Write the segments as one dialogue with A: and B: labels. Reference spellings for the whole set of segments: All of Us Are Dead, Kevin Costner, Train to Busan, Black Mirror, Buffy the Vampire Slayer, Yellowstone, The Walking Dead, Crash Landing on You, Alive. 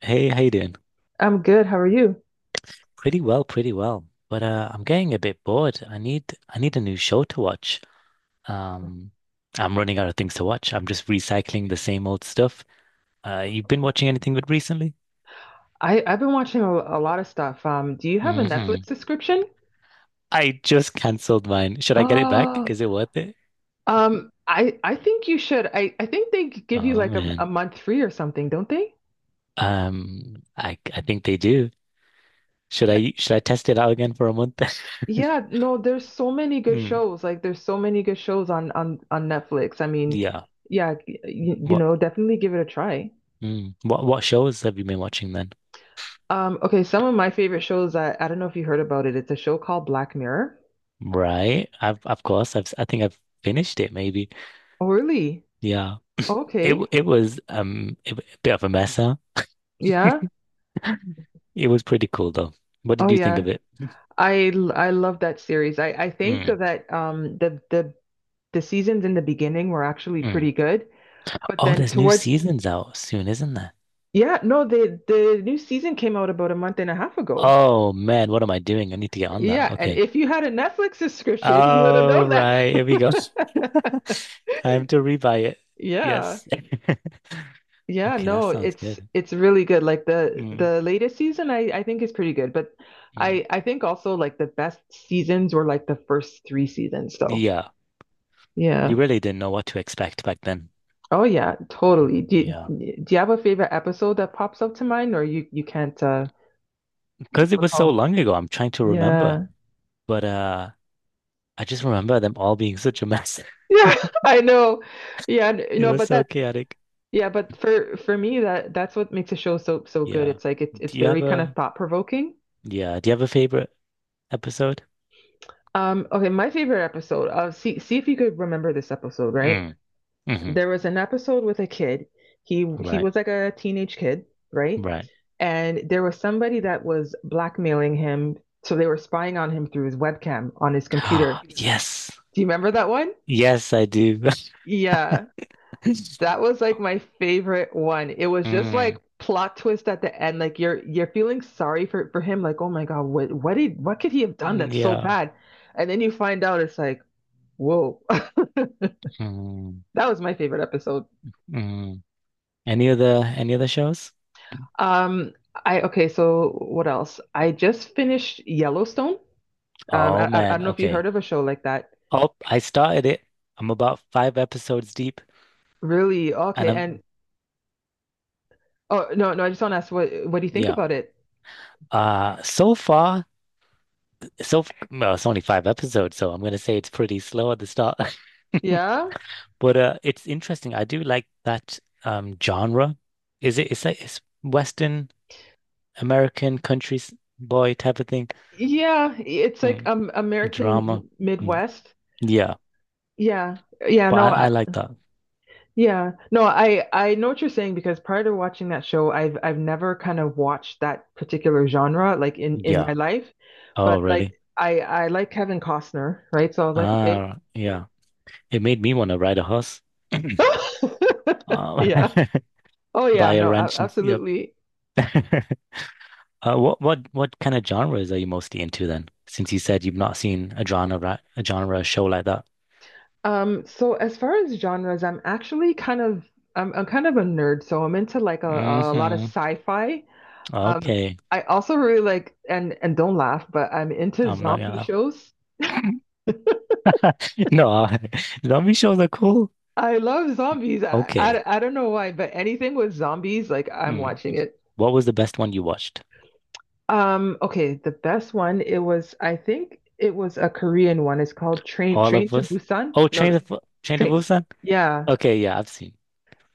A: Hey, how you doing?
B: I'm good. How are you?
A: Pretty well, pretty well. But I'm getting a bit bored. I need a new show to watch. Um, I'm running out of things to watch. I'm just recycling the same old stuff. You've been watching anything good recently?
B: I've been watching a lot of stuff. Do you have a Netflix
A: Hmm.
B: subscription?
A: I just canceled mine. Should I get it back?
B: Uh,
A: Is it worth it?
B: I think you should. I think they give you
A: Oh
B: like a
A: man.
B: month free or something, don't they?
A: I think they do. Should I test it out again for a month?
B: Yeah, no, there's so many good
A: Mm,
B: shows. Like there's so many good shows on Netflix.
A: yeah. What
B: Definitely give it a try.
A: what shows have you been watching then?
B: Okay, some of my favorite shows that I don't know if you heard about it. It's a show called Black Mirror.
A: Right. I've of course I've I think I've finished it maybe.
B: Oh, really?
A: Yeah, it
B: Okay.
A: w- it was um it w- a bit of a mess, huh?
B: Yeah.
A: It was pretty cool though. What
B: Oh,
A: did you think
B: yeah.
A: of it?
B: I love that series. I think
A: Mm,
B: that the seasons in the beginning were actually
A: mm.
B: pretty good, but
A: Oh,
B: then
A: there's new
B: towards
A: seasons out soon, isn't there?
B: Yeah, no, the new season came out about a month and a half ago.
A: Oh man, what am I doing? I need to get on that.
B: Yeah, and
A: Okay.
B: if you had a Netflix subscription, you would have
A: All
B: known that.
A: right, here we go. Time to rebuy it.
B: Yeah.
A: Yes.
B: Yeah,
A: Okay, that
B: no,
A: sounds
B: it's
A: good.
B: it's really good. Like the
A: Mm,
B: the latest season I think is pretty good, but
A: mm.
B: I think also like the best seasons were like the first three seasons though.
A: Yeah,
B: Yeah.
A: you really didn't know what to expect back then.
B: Oh yeah,
A: Mm,
B: totally.
A: yeah,
B: Do you have a favorite episode that pops up to mind or you can't
A: because it was so
B: recall?
A: long ago. I'm trying to remember,
B: Yeah.
A: but I just remember them all being such a mess.
B: Yeah, I know. Yeah, n-
A: It
B: no,
A: was
B: but
A: so
B: that
A: chaotic.
B: Yeah, but for me that's what makes a show so good.
A: Yeah.
B: It's it's
A: Do you have
B: very kind of
A: a
B: thought provoking.
A: yeah, do you have a favorite episode?
B: Okay, my favorite episode. See if you could remember this episode, right?
A: Mm, hmm.
B: There was an episode with a kid. He
A: Right,
B: was like a teenage kid, right?
A: right.
B: And there was somebody that was blackmailing him, so they were spying on him through his webcam on his computer.
A: Yes.
B: Do you remember that one?
A: Yes, I do.
B: Yeah. That was like my favorite one. It was just
A: Mm,
B: like plot twist at the end. Like you're feeling sorry for him. Like oh my God, what could he have done that's so
A: yeah.
B: bad? And then you find out it's like whoa.
A: Mm,
B: That was my favorite episode.
A: mm. Any other shows?
B: Um, I Okay. So what else? I just finished Yellowstone. Um,
A: Oh
B: I, I I
A: man,
B: don't know if you
A: okay.
B: heard of a show like that.
A: Oh, I started it. I'm about five episodes deep
B: Really?
A: and
B: Okay. And
A: I'm
B: Oh no no, I just want to ask what do you think
A: yeah.
B: about it?
A: Uh so far well, it's only five episodes, so I'm gonna say it's pretty slow at the start.
B: Yeah.
A: But it's interesting. I do like that genre. Is it? It's like it's Western American country boy type of thing.
B: Yeah, it's like
A: Mm. Drama.
B: American
A: Mm.
B: Midwest.
A: Yeah,
B: Yeah. Yeah,
A: but
B: no,
A: I
B: I,
A: like that.
B: yeah. No, I know what you're saying because prior to watching that show, I've never kind of watched that particular genre like in my
A: Yeah.
B: life.
A: Oh,
B: But like
A: really?
B: I like Kevin Costner, right? So I was like, okay.
A: Ah, yeah. It made me want to ride a horse. Uh,
B: Yeah. Oh
A: buy
B: yeah,
A: a
B: no,
A: ranch and yep.
B: absolutely.
A: Uh, what kind of genres are you mostly into then? Since you said you've not seen a genre show like that.
B: So as far as genres, I'm kind of a nerd, so I'm into like a lot of
A: Hmm.
B: sci-fi. Um,
A: Okay.
B: I also really like and don't laugh, but I'm into
A: I'm not
B: zombie
A: gonna
B: shows.
A: no, zombie shows are cool.
B: I love zombies.
A: Okay.
B: I don't know why, but anything with zombies, like I'm
A: Mm.
B: watching it.
A: What was the best one you watched?
B: Okay, the best one, it was, I think it was a Korean one. It's called
A: All
B: Train
A: of
B: to
A: us?
B: Busan.
A: Oh,
B: No, no,
A: Train to
B: Train.
A: Busan?
B: Yeah,
A: Okay, yeah, I've seen.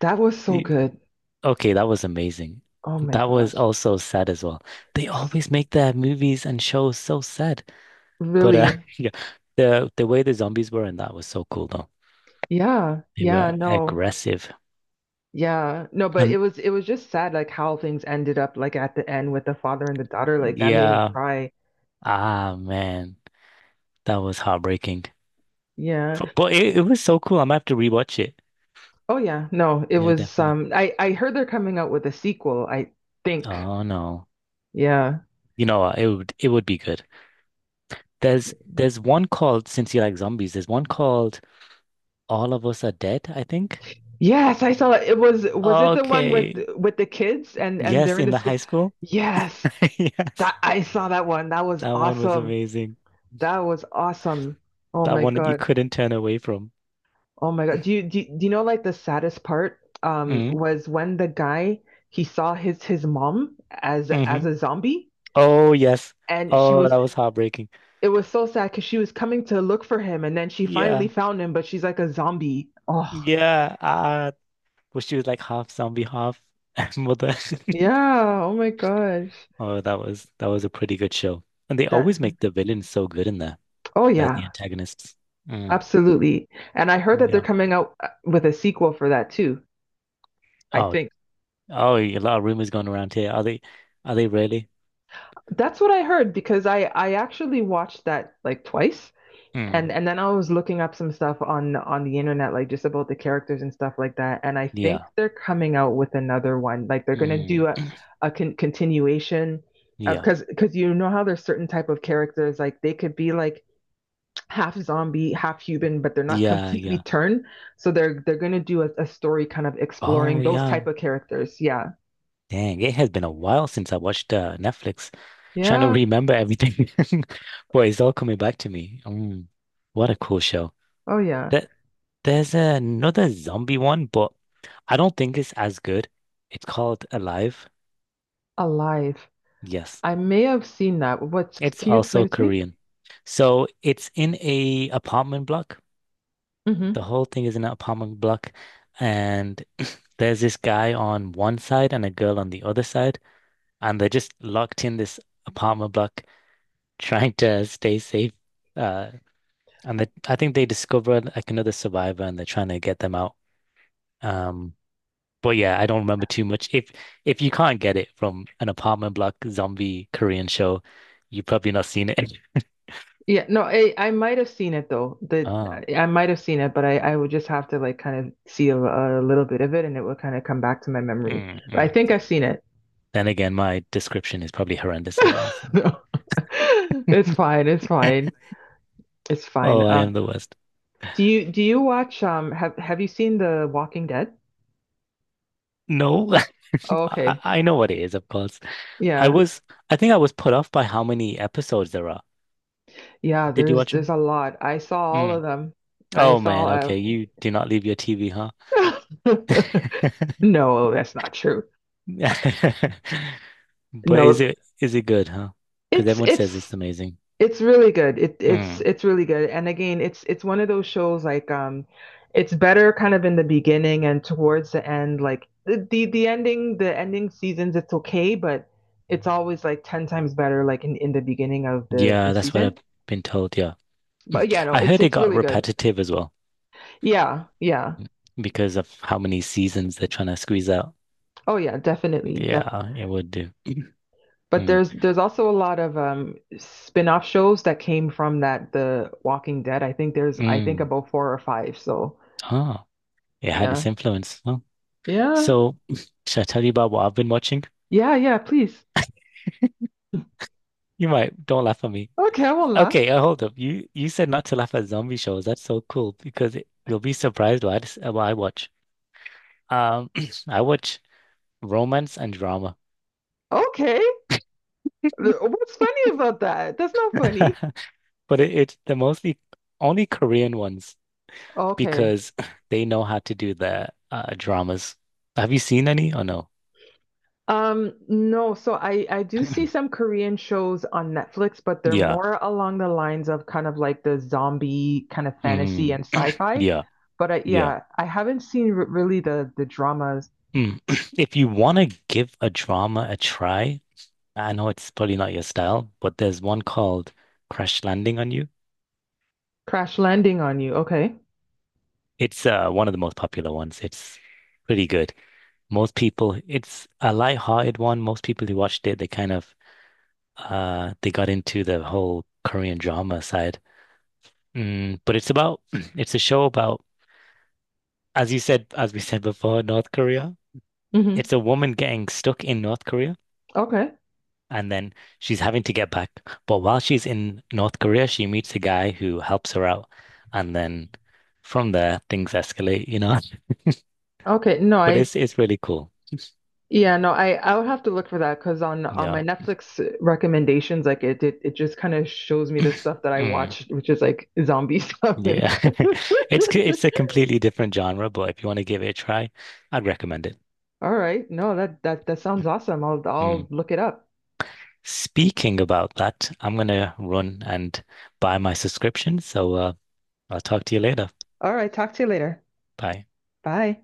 B: that was so
A: the-
B: good.
A: Okay, that was amazing.
B: Oh my
A: That was
B: gosh.
A: also sad as well. They always make their movies and shows so sad. But
B: Really?
A: yeah, the way the zombies were in that was so cool though.
B: Yeah.
A: They
B: Yeah,
A: were
B: no.
A: aggressive.
B: Yeah. No, but it
A: And
B: was it was just sad like how things ended up like at the end with the father and the daughter. Like that made me
A: yeah,
B: cry.
A: ah man, that was heartbreaking.
B: Yeah.
A: But it was so cool. I'm gonna have to rewatch it.
B: Oh yeah, no, it
A: Yeah,
B: was
A: definitely.
B: I heard they're coming out with a sequel, I think.
A: Oh no.
B: Yeah.
A: You know what? It would be good. There's one called since you like zombies, there's one called All of Us Are Dead, I think.
B: Yes, I saw it. Was it the one with
A: Okay.
B: the kids and they're
A: Yes,
B: in
A: in
B: the
A: the
B: school?
A: high school.
B: Yes.
A: Yes.
B: That I saw that one. That was
A: That one was
B: awesome.
A: amazing.
B: That was awesome. Oh
A: That
B: my
A: one that you
B: God.
A: couldn't turn away from.
B: Oh my God. Do you know like the saddest part
A: Mm,
B: was when the guy he saw his mom as
A: hmm.
B: a zombie
A: Oh yes.
B: and she
A: Oh, that
B: was
A: was heartbreaking.
B: it was so sad because she was coming to look for him and then she finally
A: Yeah.
B: found him, but she's like a zombie. Oh,
A: Yeah. Ah, well, she was like half zombie, half mother.
B: yeah. Oh my gosh.
A: Oh, that was a pretty good show. And they
B: That,
A: always make the villains so good in there,
B: oh
A: like
B: yeah,
A: the antagonists. Mm,
B: absolutely. And I heard that they're
A: yeah.
B: coming out with a sequel for that too, I
A: Oh,
B: think.
A: oh, a lot of rumors going around here. Are they really?
B: That's what I heard because I actually watched that like twice. And
A: Mm,
B: and then I was looking up some stuff on the internet, like just about the characters and stuff like that. And I think
A: yeah.
B: they're coming out with another one. Like they're gonna do
A: Mm,
B: a continuation of
A: yeah.
B: because you know how there's certain type of characters like they could be like half zombie, half human, but they're not
A: Yeah.
B: completely
A: Yeah.
B: turned. So they're gonna do a story kind of
A: Oh,
B: exploring those
A: yeah.
B: type of characters. Yeah.
A: Dang, it has been a while since I watched Netflix. Trying to
B: Yeah.
A: remember everything, boy, it's all coming back to me. Mm, what a cool show.
B: Oh yeah.
A: That there's another zombie one, but I don't think it's as good. It's called Alive.
B: Alive.
A: Yes.
B: I may have seen that. What's
A: It's
B: can you explain
A: also
B: it to
A: Korean. So it's in a apartment block.
B: me?
A: The whole thing is in an apartment block, and there's this guy on one side and a girl on the other side, and they're just locked in this apartment block trying to stay safe. Uh, and I think they discover like another survivor, and they're trying to get them out. Um, but yeah, I don't remember too much. If you can't get it from an apartment block zombie Korean show, you've probably not seen it.
B: Yeah, no, I might have seen it though. The
A: Oh.
B: I might have seen it, but I would just have to like kind of see a little bit of it, and it will kind of come back to my memory.
A: Mm,
B: But I
A: mm.
B: think I've seen it.
A: Then again, my description is probably horrendous as well.
B: No, it's fine. It's fine. It's fine.
A: Oh, I am the worst.
B: Do you watch have you seen The Walking Dead?
A: No,
B: Oh, okay.
A: I know what it is, of course. I
B: Yeah,
A: was, I think I was put off by how many episodes there are.
B: yeah.
A: Did you
B: There's
A: watch them?
B: there's a lot. I saw all of
A: Mm.
B: them. I
A: Oh man,
B: saw.
A: okay. You do not leave your TV, huh?
B: Uh... No, that's not true.
A: But is
B: No,
A: it is it good, huh? Because
B: it's
A: everyone says it's
B: it's
A: amazing.
B: it's really good. It's
A: Mm.
B: it's really good. And again, it's one of those shows like it's better kind of in the beginning and towards the end like the ending seasons it's okay, but it's always like 10 times better like in the beginning of
A: Yeah,
B: the
A: that's what I've
B: season.
A: been told. Yeah,
B: But yeah, no,
A: I
B: it's
A: heard it
B: it's
A: got
B: really good.
A: repetitive as well
B: Yeah, yeah.
A: because of how many seasons they're trying to squeeze out.
B: Oh yeah, definitely. Def
A: Yeah, it would do.
B: But
A: Mm,
B: there's also a lot of spin-off shows that came from that The Walking Dead. I think
A: mm.
B: about four or five. So,
A: Ah, it had its
B: yeah.
A: influence. Huh?
B: Yeah.
A: So, should I tell you about what I've been watching?
B: Yeah, yeah, please.
A: You might don't laugh at me.
B: Okay, I
A: Okay, hold up. You said not to laugh at zombie shows. That's so cool because you'll be surprised what what I watch. Um, I watch romance and drama,
B: Okay. What's funny about that? That's not funny.
A: but it's the mostly only Korean ones
B: Okay.
A: because they know how to do the dramas. Have you seen any or no?
B: No, so I do see some Korean shows on Netflix, but they're
A: Yeah.
B: more along the lines of kind of like the zombie kind of fantasy
A: Mm,
B: and sci-fi.
A: yeah.
B: But I,
A: Yeah.
B: yeah, I haven't seen r really the dramas.
A: Hmm. If you want to give a drama a try, I know it's probably not your style, but there's one called Crash Landing on You.
B: Crash Landing on You. Okay.
A: It's one of the most popular ones. It's pretty good. Most people, it's a light-hearted one. Most people who watched it, they kind of they got into the whole Korean drama side. Mm, but it's about it's a show about, as you said, as we said before, North Korea.
B: Mm-hmm.
A: It's a woman getting stuck in North Korea
B: Okay.
A: and then she's having to get back. But while she's in North Korea, she meets a guy who helps her out, and then from there things escalate,
B: Okay. No,
A: But
B: I
A: it's really cool.
B: Yeah, no, I would have to look for that because on my
A: Yeah.
B: Netflix recommendations, like it just kind of shows me the stuff that I
A: Mm,
B: watched, which is like zombie stuff. And
A: yeah. It's a completely different genre, but if you want to give it a try, I'd recommend it.
B: All right, no, that sounds awesome. I'll
A: Mm.
B: look it up.
A: Speaking about that, I'm gonna run and buy my subscription, so I'll talk to you later.
B: All right, talk to you later.
A: Bye.
B: Bye.